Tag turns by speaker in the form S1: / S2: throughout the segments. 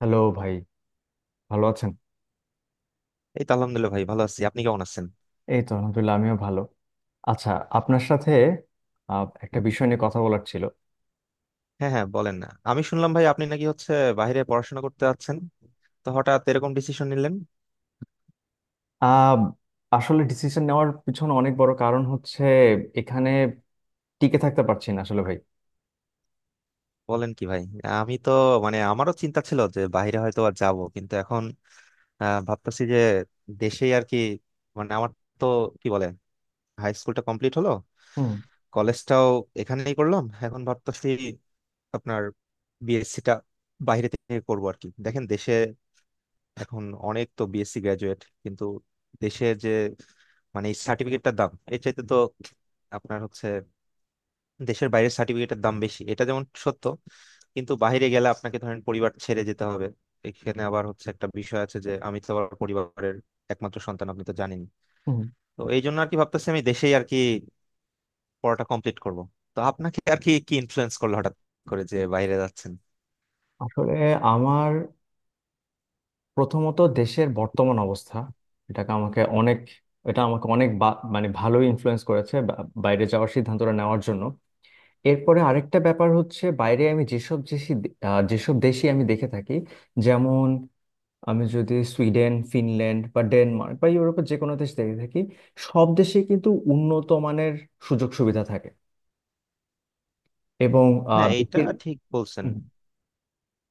S1: Hello ভাই, ভালো আছেন?
S2: এই তো আলহামদুলিল্লাহ ভাই, ভালো আছি। আপনি কেমন আছেন?
S1: এই তো আলহামদুলিল্লাহ, আমিও ভালো। আচ্ছা, আপনার সাথে একটা বিষয় নিয়ে কথা বলার ছিল।
S2: হ্যাঁ হ্যাঁ, বলেন না। আমি শুনলাম ভাই, আপনি নাকি হচ্ছে বাইরে পড়াশোনা করতে যাচ্ছেন। তো হঠাৎ এরকম ডিসিশন নিলেন?
S1: আহ, আসলে ডিসিশন নেওয়ার পিছনে অনেক বড় কারণ হচ্ছে, এখানে টিকে থাকতে পারছি না আসলে ভাই।
S2: বলেন কি ভাই! আমি তো মানে আমারও চিন্তা ছিল যে বাইরে হয়তো আর যাব, কিন্তু এখন ভাবতেছি যে দেশেই আর কি। মানে আমার তো, কি বলে, হাই স্কুলটা কমপ্লিট হলো,
S1: হুম
S2: কলেজটাও এখানেই করলাম। এখন ভাবতেছি আপনার বিএসসিটা বাইরে থেকে করবো আর কি। দেখেন, দেশে এখন অনেক তো বিএসসি গ্রাজুয়েট, কিন্তু দেশের যে মানে সার্টিফিকেটটার দাম এর চাইতে তো আপনার হচ্ছে দেশের বাইরের সার্টিফিকেটের দাম বেশি, এটা যেমন সত্য, কিন্তু বাইরে গেলে আপনাকে ধরেন পরিবার ছেড়ে যেতে হবে। এখানে আবার হচ্ছে একটা বিষয় আছে যে, আমি তো আবার পরিবারের একমাত্র সন্তান, আপনি তো জানেন।
S1: হুম।
S2: তো এই জন্য আর কি ভাবতেছি আমি দেশেই আর কি পড়াটা কমপ্লিট করব। তো আপনাকে আর কি কি ইনফ্লুয়েন্স করলো হঠাৎ করে যে বাইরে যাচ্ছেন?
S1: আসলে আমার প্রথমত দেশের বর্তমান অবস্থা, এটাকে আমাকে অনেক এটা আমাকে অনেক মানে ভালোই ইনফ্লুয়েন্স করেছে, বাইরে যাওয়ার সিদ্ধান্তটা নেওয়ার জন্য। এরপরে আরেকটা ব্যাপার হচ্ছে, বাইরে আমি যেসব দেশি দে- আহ, যেসব দেশই আমি দেখে থাকি। যেমন আমি যদি সুইডেন, ফিনল্যান্ড বা ডেনমার্ক বা ইউরোপের যে কোনো দেশ দেখে থাকি, সব দেশে কিন্তু উন্নত মানের সুযোগ সুবিধা থাকে। এবং আহ,
S2: হ্যাঁ, এটা
S1: বেশির
S2: ঠিক বলছেন।
S1: হুম,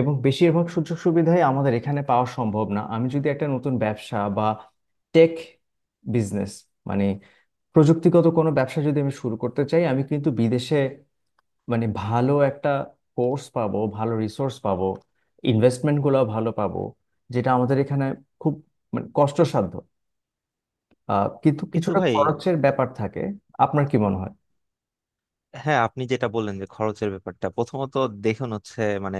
S1: বেশিরভাগ সুযোগ সুবিধাই আমাদের এখানে পাওয়া সম্ভব না। আমি যদি একটা নতুন ব্যবসা বা টেক বিজনেস, মানে প্রযুক্তিগত কোনো ব্যবসা যদি আমি শুরু করতে চাই, আমি কিন্তু বিদেশে মানে ভালো একটা কোর্স পাবো, ভালো রিসোর্স পাবো, ইনভেস্টমেন্টগুলো ভালো পাবো, যেটা আমাদের এখানে খুব মানে কষ্টসাধ্য। কিন্তু
S2: কিন্তু
S1: কিছুটা
S2: ভাই,
S1: খরচের ব্যাপার থাকে। আপনার কি মনে হয়?
S2: হ্যাঁ আপনি যেটা বললেন যে খরচের ব্যাপারটা, প্রথমত দেখুন হচ্ছে মানে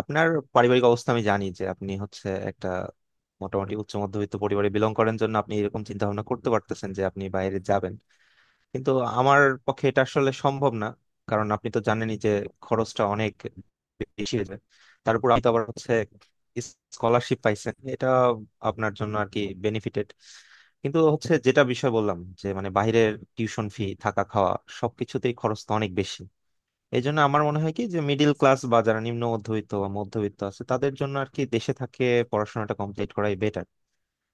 S2: আপনার পারিবারিক অবস্থা আমি জানি যে, আপনি হচ্ছে একটা মোটামুটি উচ্চ মধ্যবিত্ত পরিবারে বিলং করেন জন্য আপনি এরকম চিন্তা ভাবনা করতে পারতেছেন যে আপনি বাইরে যাবেন। কিন্তু আমার পক্ষে এটা আসলে সম্ভব না, কারণ আপনি তো জানেনই যে খরচটা অনেক বেশি হয়ে যায়। তারপর আপনি তো আবার হচ্ছে স্কলারশিপ পাইছেন, এটা আপনার জন্য আর কি বেনিফিটেড, কিন্তু হচ্ছে যেটা বিষয় বললাম যে মানে বাইরের টিউশন ফি, থাকা খাওয়া সবকিছুতেই খরচ তো অনেক বেশি। এই জন্য আমার মনে হয় কি যে, মিডিল ক্লাস বা যারা নিম্ন মধ্যবিত্ত বা মধ্যবিত্ত আছে তাদের জন্য আর কি দেশে থাকে পড়াশোনাটা কমপ্লিট করাই বেটার।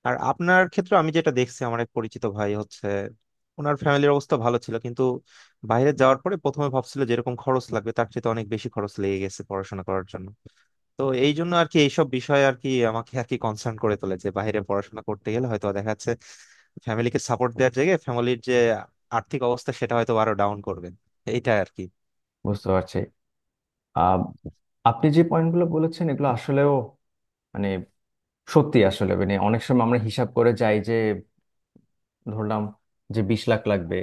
S2: আর আপনার ক্ষেত্রে আমি যেটা দেখছি, আমার এক পরিচিত ভাই হচ্ছে ওনার ফ্যামিলির অবস্থা ভালো ছিল কিন্তু বাইরে যাওয়ার পরে প্রথমে ভাবছিল যেরকম খরচ লাগবে তার চেয়ে তো অনেক বেশি খরচ লেগে গেছে পড়াশোনা করার জন্য। তো এই জন্য আর কি এইসব বিষয় আর কি আমাকে আর কি কনসার্ন করে তোলে যে, বাইরে পড়াশোনা করতে গেলে হয়তো দেখা যাচ্ছে ফ্যামিলিকে সাপোর্ট দেওয়ার জায়গায় ফ্যামিলির যে আর্থিক অবস্থা সেটা হয়তো আরো ডাউন করবেন, এইটা আর কি।
S1: বুঝতে পারছি। আহ, আপনি যে পয়েন্টগুলো বলেছেন, এগুলো আসলেও মানে সত্যি। আসলে মানে অনেক সময় আমরা হিসাব করে যাই যে ধরলাম যে 20 লাখ লাগবে,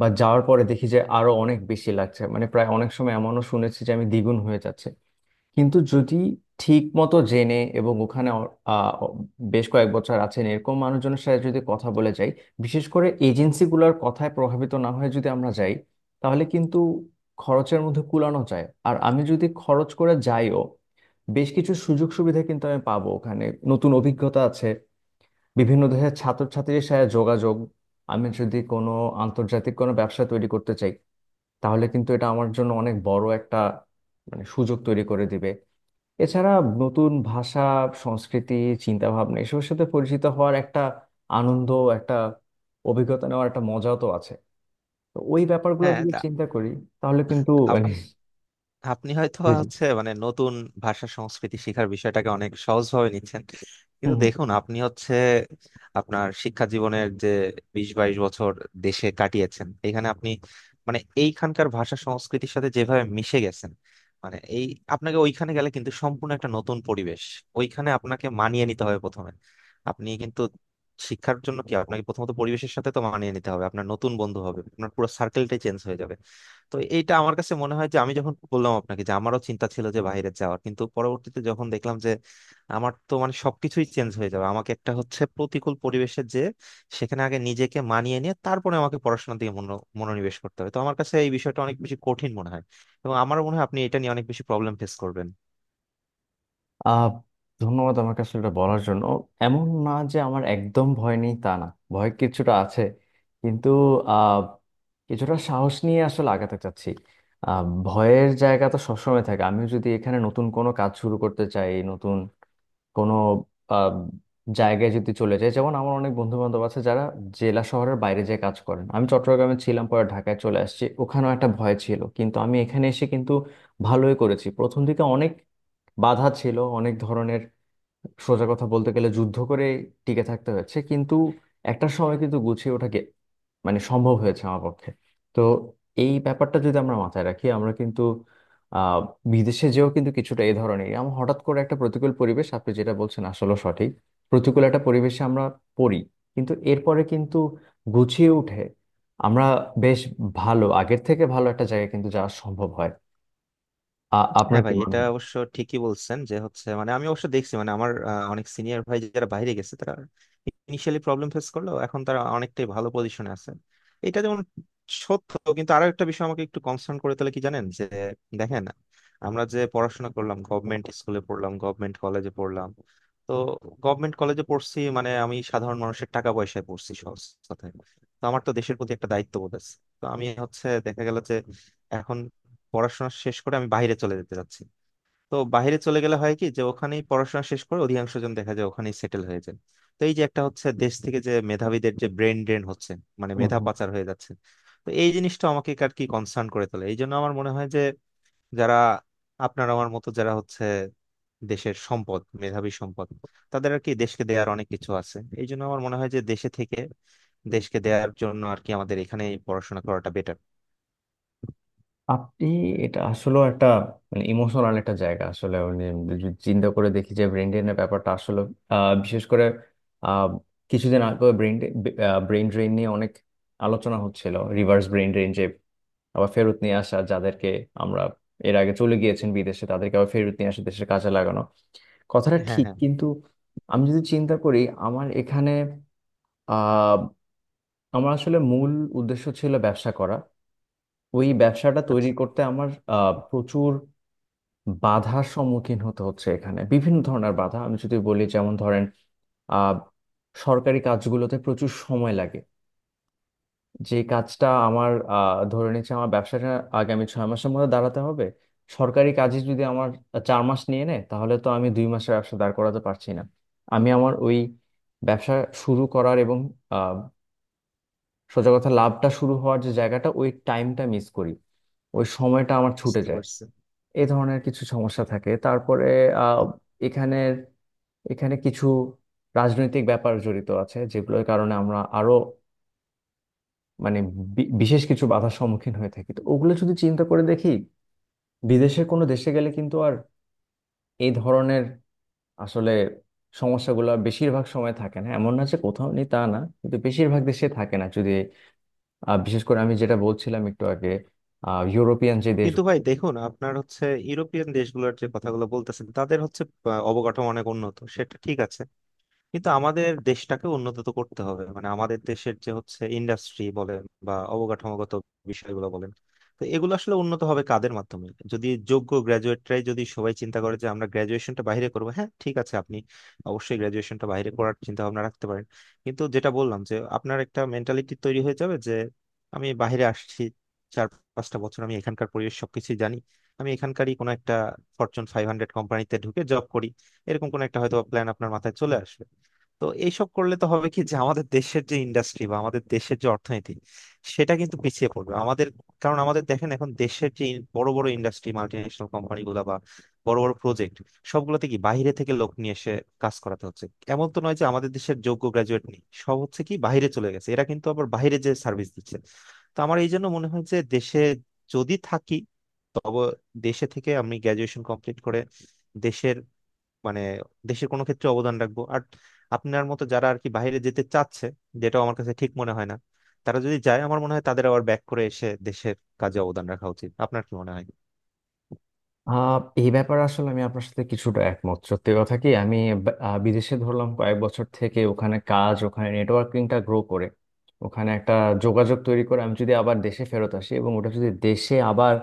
S1: বা যাওয়ার পরে দেখি যে আরো অনেক বেশি লাগছে। মানে প্রায় অনেক সময় এমনও শুনেছি যে আমি দ্বিগুণ হয়ে যাচ্ছে। কিন্তু যদি ঠিক মতো জেনে এবং ওখানে আহ, বেশ কয়েক বছর আছেন এরকম মানুষজনের সাথে যদি কথা বলে যাই, বিশেষ করে এজেন্সিগুলোর কথায় প্রভাবিত না হয়ে যদি আমরা যাই, তাহলে কিন্তু খরচের মধ্যে কুলানো যায়। আর আমি যদি খরচ করে যাইও, বেশ কিছু সুযোগ সুবিধা কিন্তু আমি পাবো ওখানে। নতুন অভিজ্ঞতা আছে, বিভিন্ন দেশের ছাত্রছাত্রীর সাথে যোগাযোগ। আমি যদি কোনো আন্তর্জাতিক কোনো ব্যবসা তৈরি করতে চাই, তাহলে কিন্তু এটা আমার জন্য অনেক বড় একটা মানে সুযোগ তৈরি করে দিবে। এছাড়া নতুন ভাষা, সংস্কৃতি, চিন্তা ভাবনা এসবের সাথে পরিচিত হওয়ার একটা আনন্দ, একটা অভিজ্ঞতা নেওয়ার একটা মজাও তো আছে। তো ওই ব্যাপারগুলো
S2: হ্যাঁ
S1: যদি
S2: তা,
S1: চিন্তা করি, তাহলে কিন্তু মানে।
S2: আপনি আপনি হয়তো
S1: জি জি।
S2: হচ্ছে মানে নতুন ভাষা সংস্কৃতি শিখার বিষয়টাকে অনেক সহজভাবে নিচ্ছেন,
S1: হুম
S2: কিন্তু
S1: হুম।
S2: দেখুন আপনি হচ্ছে আপনার শিক্ষা জীবনের যে 20-22 বছর দেশে কাটিয়েছেন, এখানে আপনি মানে এইখানকার ভাষা সংস্কৃতির সাথে যেভাবে মিশে গেছেন, মানে এই আপনাকে ওইখানে গেলে কিন্তু সম্পূর্ণ একটা নতুন পরিবেশ, ওইখানে আপনাকে মানিয়ে নিতে হবে প্রথমে। আপনি কিন্তু শিক্ষার জন্য কি আপনাকে প্রথমত পরিবেশের সাথে তো মানিয়ে নিতে হবে, আপনার নতুন বন্ধু হবে, আপনার পুরো সার্কেলটাই চেঞ্জ হয়ে যাবে। তো এইটা আমার কাছে মনে হয় যে, আমি যখন বললাম আপনাকে যে আমারও চিন্তা ছিল যে বাইরে যাওয়ার, কিন্তু পরবর্তীতে যখন দেখলাম যে আমার তো মানে সবকিছুই চেঞ্জ হয়ে যাবে, আমাকে একটা হচ্ছে প্রতিকূল পরিবেশে যে সেখানে আগে নিজেকে মানিয়ে নিয়ে তারপরে আমাকে পড়াশোনার দিকে মনোনিবেশ করতে হবে, তো আমার কাছে এই বিষয়টা অনেক বেশি কঠিন মনে হয়। এবং আমারও মনে হয় আপনি এটা নিয়ে অনেক বেশি প্রবলেম ফেস করবেন।
S1: আহ ধন্যবাদ আমাকে আসলে এটা বলার জন্য। এমন না যে আমার একদম ভয় নেই, তা না। ভয় কিছুটা আছে, কিন্তু আহ কিছুটা সাহস নিয়ে আসলে আগাতে চাচ্ছি। ভয়ের জায়গা তো সবসময় থাকে। আমি যদি এখানে নতুন কোনো কাজ শুরু করতে চাই, নতুন কোনো আহ, জায়গায় যদি চলে যায়, যেমন আমার অনেক বন্ধু বান্ধব আছে যারা জেলা শহরের বাইরে যেয়ে কাজ করেন। আমি চট্টগ্রামে ছিলাম, পরে ঢাকায় চলে আসছি। ওখানেও একটা ভয় ছিল, কিন্তু আমি এখানে এসে কিন্তু ভালোই করেছি। প্রথম দিকে অনেক বাধা ছিল, অনেক ধরনের। সোজা কথা বলতে গেলে যুদ্ধ করে টিকে থাকতে হয়েছে, কিন্তু একটা সময় কিন্তু গুছিয়ে ওঠাকে মানে সম্ভব হয়েছে আমার পক্ষে। তো এই ব্যাপারটা যদি আমরা মাথায় রাখি, আমরা কিন্তু আহ বিদেশে যেও কিন্তু কিছুটা এই ধরনের, আমরা হঠাৎ করে একটা প্রতিকূল পরিবেশ, আপনি যেটা বলছেন আসলে সঠিক, প্রতিকূল একটা পরিবেশে আমরা পড়ি। কিন্তু এরপরে কিন্তু গুছিয়ে উঠে আমরা বেশ ভালো, আগের থেকে ভালো একটা জায়গায় কিন্তু যাওয়া সম্ভব হয়।
S2: হ্যাঁ
S1: আপনার কি
S2: ভাই,
S1: মনে
S2: এটা অবশ্য ঠিকই বলছেন যে হচ্ছে মানে আমি অবশ্য দেখছি মানে আমার অনেক সিনিয়র ভাই যারা বাইরে গেছে তারা ইনিশিয়ালি প্রবলেম ফেস করলো, এখন তারা অনেকটাই ভালো পজিশনে আছে, এটা যেমন সত্য। কিন্তু আরো একটা বিষয় আমাকে একটু কনসার্ন করে, তাহলে কি জানেন যে, দেখেন আমরা যে পড়াশোনা করলাম গভর্নমেন্ট স্কুলে পড়লাম, গভর্নমেন্ট কলেজে পড়লাম, তো গভর্নমেন্ট কলেজে পড়ছি মানে আমি সাধারণ মানুষের টাকা পয়সায় পড়ছি সহজ কথায়। তো আমার তো দেশের প্রতি একটা দায়িত্ববোধ আছে। তো আমি হচ্ছে দেখা গেল যে এখন পড়াশোনা শেষ করে আমি বাইরে চলে যেতে চাচ্ছি, তো বাইরে চলে গেলে হয় কি যে ওখানেই পড়াশোনা শেষ করে অধিকাংশ জন দেখা যায় ওখানেই সেটেল হয়ে যায়। তো এই যে একটা হচ্ছে দেশ থেকে যে মেধাবীদের যে ব্রেন ড্রেন হচ্ছে মানে মেধা
S1: হয়?
S2: পাচার হয়ে যাচ্ছে, তো এই জিনিসটা আমাকে আর কি কনসার্ন করে তোলে। এই জন্য আমার মনে হয় যে যারা আপনার আমার মতো যারা হচ্ছে দেশের সম্পদ, মেধাবী সম্পদ, তাদের আর কি দেশকে দেওয়ার অনেক কিছু আছে। এই জন্য আমার মনে হয় যে দেশে থেকে দেশকে দেওয়ার জন্য আর কি আমাদের এখানেই পড়াশোনা করাটা বেটার।
S1: আপনি এটা আসলে একটা মানে ইমোশনাল একটা জায়গা। আসলে মানে যদি চিন্তা করে দেখি যে ব্রেন ড্রেনের ব্যাপারটা আসলে, বিশেষ করে আহ, কিছুদিন আগে ব্রেন ব্রেন ড্রেন নিয়ে অনেক আলোচনা হচ্ছিল, রিভার্স ব্রেন ড্রেন, যে আবার ফেরত নিয়ে আসা যাদেরকে আমরা এর আগে চলে গিয়েছেন বিদেশে তাদেরকে আবার ফেরত নিয়ে আসে দেশের কাজে লাগানো। কথাটা
S2: হ্যাঁ
S1: ঠিক,
S2: হ্যাঁ,
S1: কিন্তু আমি যদি চিন্তা করি আমার এখানে, আহ আমার আসলে মূল উদ্দেশ্য ছিল ব্যবসা করা। ওই ব্যবসাটা তৈরি
S2: আচ্ছা,
S1: করতে আমার প্রচুর বাধার সম্মুখীন হতে হচ্ছে এখানে। বিভিন্ন ধরনের বাধা আমি যদি বলি, যেমন ধরেন আহ, সরকারি কাজগুলোতে প্রচুর সময় লাগে। যে কাজটা আমার, ধরে নিচ্ছে আমার ব্যবসাটা আগামী 6 মাসের মধ্যে দাঁড়াতে হবে, সরকারি কাজে যদি আমার 4 মাস নিয়ে নেয়, তাহলে তো আমি 2 মাসের ব্যবসা দাঁড় করাতে পারছি না। আমি আমার ওই ব্যবসা শুরু করার এবং আহ, সোজা কথা লাভটা শুরু হওয়ার যে জায়গাটা, ওই টাইমটা মিস করি, ওই সময়টা আমার ছুটে
S2: বুঝতে
S1: যায়।
S2: পারছি।
S1: এই ধরনের কিছু সমস্যা থাকে। তারপরে আহ, এখানের এখানে কিছু রাজনৈতিক ব্যাপার জড়িত আছে, যেগুলোর কারণে আমরা আরো মানে বিশেষ কিছু বাধার সম্মুখীন হয়ে থাকি। তো ওগুলো যদি চিন্তা করে দেখি, বিদেশের কোনো দেশে গেলে কিন্তু আর এই ধরনের আসলে সমস্যাগুলো বেশিরভাগ সময় থাকে না। এমন না যে কোথাও নেই, তা না, কিন্তু বেশিরভাগ দেশে থাকে না। যদি বিশেষ করে আমি যেটা বলছিলাম একটু আগে, ইউরোপিয়ান যে দেশ।
S2: কিন্তু ভাই দেখুন আপনার হচ্ছে ইউরোপিয়ান দেশগুলোর যে কথাগুলো বলতেছেন তাদের হচ্ছে অবকাঠামো অনেক উন্নত, সেটা ঠিক আছে, কিন্তু আমাদের দেশটাকে উন্নত তো করতে হবে। মানে আমাদের দেশের যে হচ্ছে ইন্ডাস্ট্রি বলেন বা অবকাঠামোগত বিষয়গুলো বলেন, তো এগুলো আসলে উন্নত হবে কাদের মাধ্যমে? যদি যোগ্য গ্রাজুয়েটরাই যদি সবাই চিন্তা করে যে আমরা গ্রাজুয়েশনটা বাইরে করবো, হ্যাঁ ঠিক আছে আপনি অবশ্যই গ্রাজুয়েশনটা বাইরে করার চিন্তা ভাবনা রাখতে পারেন, কিন্তু যেটা বললাম যে আপনার একটা মেন্টালিটি তৈরি হয়ে যাবে যে আমি বাইরে আসছি 4-5টা বছর, আমি এখানকার পরিবেশ সবকিছু জানি, আমি এখানকারই কোনো একটা ফরচুন 500 কোম্পানিতে ঢুকে জব করি, এরকম কোন একটা হয়তো প্ল্যান আপনার মাথায় চলে আসবে। তো এইসব করলে তো হবে কি যে আমাদের দেশের যে ইন্ডাস্ট্রি বা আমাদের দেশের যে অর্থনীতি সেটা কিন্তু পিছিয়ে পড়বে আমাদের। কারণ আমাদের দেখেন, এখন দেশের যে বড় বড় ইন্ডাস্ট্রি, মাল্টিন্যাশনাল কোম্পানি গুলা বা বড় বড় প্রজেক্ট, সবগুলোতে কি বাইরে থেকে লোক নিয়ে এসে কাজ করাতে হচ্ছে? এমন তো নয় যে আমাদের দেশের যোগ্য গ্রাজুয়েট নেই, সব হচ্ছে কি বাইরে চলে গেছে, এরা কিন্তু আবার বাইরে যে সার্ভিস দিচ্ছে। তো আমার এই জন্য মনে হয় যে দেশে যদি থাকি, তবে দেশে থেকে আমি গ্রাজুয়েশন কমপ্লিট করে দেশের মানে দেশের কোনো ক্ষেত্রে অবদান রাখবো। আর আপনার মতো যারা আর কি বাইরে যেতে চাচ্ছে, যেটা আমার কাছে ঠিক মনে হয় না, তারা যদি যায় আমার মনে হয় তাদের আবার ব্যাক করে এসে দেশের কাজে অবদান রাখা উচিত। আপনার কি মনে হয়?
S1: এই ব্যাপারে আসলে আমি আপনার সাথে কিছুটা একমত। সত্যি কথা কি, আমি বিদেশে ধরলাম কয়েক বছর থেকে ওখানে কাজ, ওখানে নেটওয়ার্কিংটা গ্রো করে, ওখানে একটা যোগাযোগ তৈরি করে আমি যদি আবার দেশে ফেরত আসি এবং ওটা যদি দেশে আবার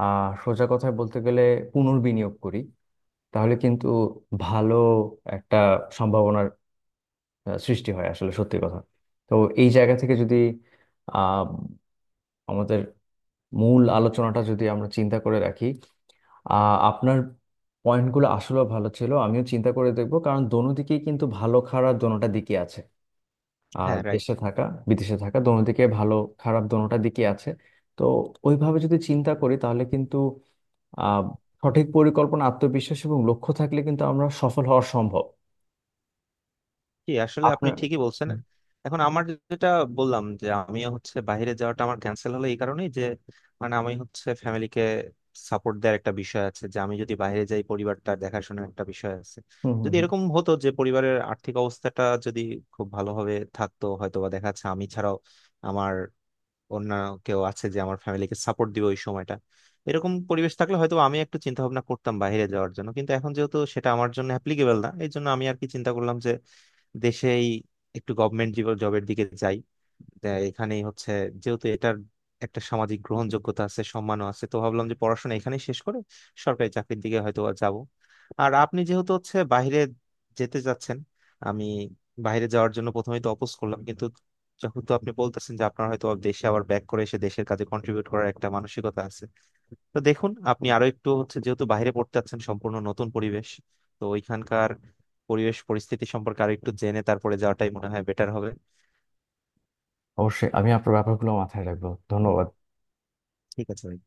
S1: সোজা কথায় বলতে গেলে পুনর্বিনিয়োগ করি, তাহলে কিন্তু ভালো একটা সম্ভাবনার সৃষ্টি হয় আসলে সত্যি কথা। তো এই জায়গা থেকে যদি আহ আমাদের মূল আলোচনাটা যদি আমরা চিন্তা করে রাখি, আপনার পয়েন্টগুলো আসলে ভালো ছিল। আমিও চিন্তা করে দেখবো, কারণ দোনো দিকেই কিন্তু ভালো খারাপ দোনোটা দিকে আছে। আর
S2: হ্যাঁ রাইট।
S1: দেশে থাকা, বিদেশে থাকা দোনো দিকে ভালো খারাপ দোনোটা দিকে আছে। তো ওইভাবে যদি চিন্তা করি, তাহলে কিন্তু আহ সঠিক পরিকল্পনা, আত্মবিশ্বাস এবং লক্ষ্য থাকলে কিন্তু আমরা সফল হওয়া সম্ভব।
S2: জি আসলে আপনি
S1: আপনার
S2: ঠিকই বলছেন। এখন আমার যেটা বললাম যে আমি হচ্ছে বাইরে যাওয়াটা আমার ক্যান্সেল হলো এই কারণেই যে মানে আমি হচ্ছে ফ্যামিলিকে সাপোর্ট দেওয়ার একটা বিষয় আছে যে, আমি যদি বাইরে যাই পরিবারটা দেখাশোনার একটা বিষয় আছে।
S1: হুম হুম
S2: যদি
S1: হুম।
S2: এরকম হতো যে পরিবারের আর্থিক অবস্থাটা যদি খুব ভালোভাবে থাকতো, হয়তো বা দেখা যাচ্ছে আমি ছাড়াও আমার অন্য কেউ আছে যে আমার ফ্যামিলিকে সাপোর্ট দিবে ওই সময়টা, এরকম পরিবেশ থাকলে হয়তো আমি একটু চিন্তা ভাবনা করতাম বাইরে যাওয়ার জন্য, কিন্তু এখন যেহেতু সেটা আমার জন্য অ্যাপ্লিকেবল না, এই জন্য আমি আর কি চিন্তা করলাম যে দেশেই একটু গভর্নমেন্ট জবের দিকে যাই। যে এখানেই হচ্ছে, যেহেতু এটার একটা সামাজিক গ্রহণযোগ্যতা আছে, সম্মানও আছে, তো ভাবলাম যে পড়াশোনা এখানেই শেষ করে সরকারি চাকরির দিকে হয়তো বা যাব। আর আপনি যেহেতু হচ্ছে বাইরে যেতে যাচ্ছেন, আমি বাইরে যাওয়ার জন্য প্রথমেই তো অপোজ করলাম, কিন্তু যেহেতু আপনি বলতেছেন যে আপনার হয়তো দেশে আবার ব্যাক করে এসে দেশের কাজে কন্ট্রিবিউট করার একটা মানসিকতা আছে, তো দেখুন আপনি আরো একটু হচ্ছে যেহেতু বাইরে পড়তে যাচ্ছেন সম্পূর্ণ নতুন পরিবেশ, তো ওইখানকার পরিবেশ পরিস্থিতি সম্পর্কে আরো একটু জেনে তারপরে যাওয়াটাই মনে হয় বেটার হবে।
S1: অবশ্যই আমি আপনার ব্যাপারগুলো মাথায় রাখবো, ধন্যবাদ।
S2: ঠিক আছে ভাই।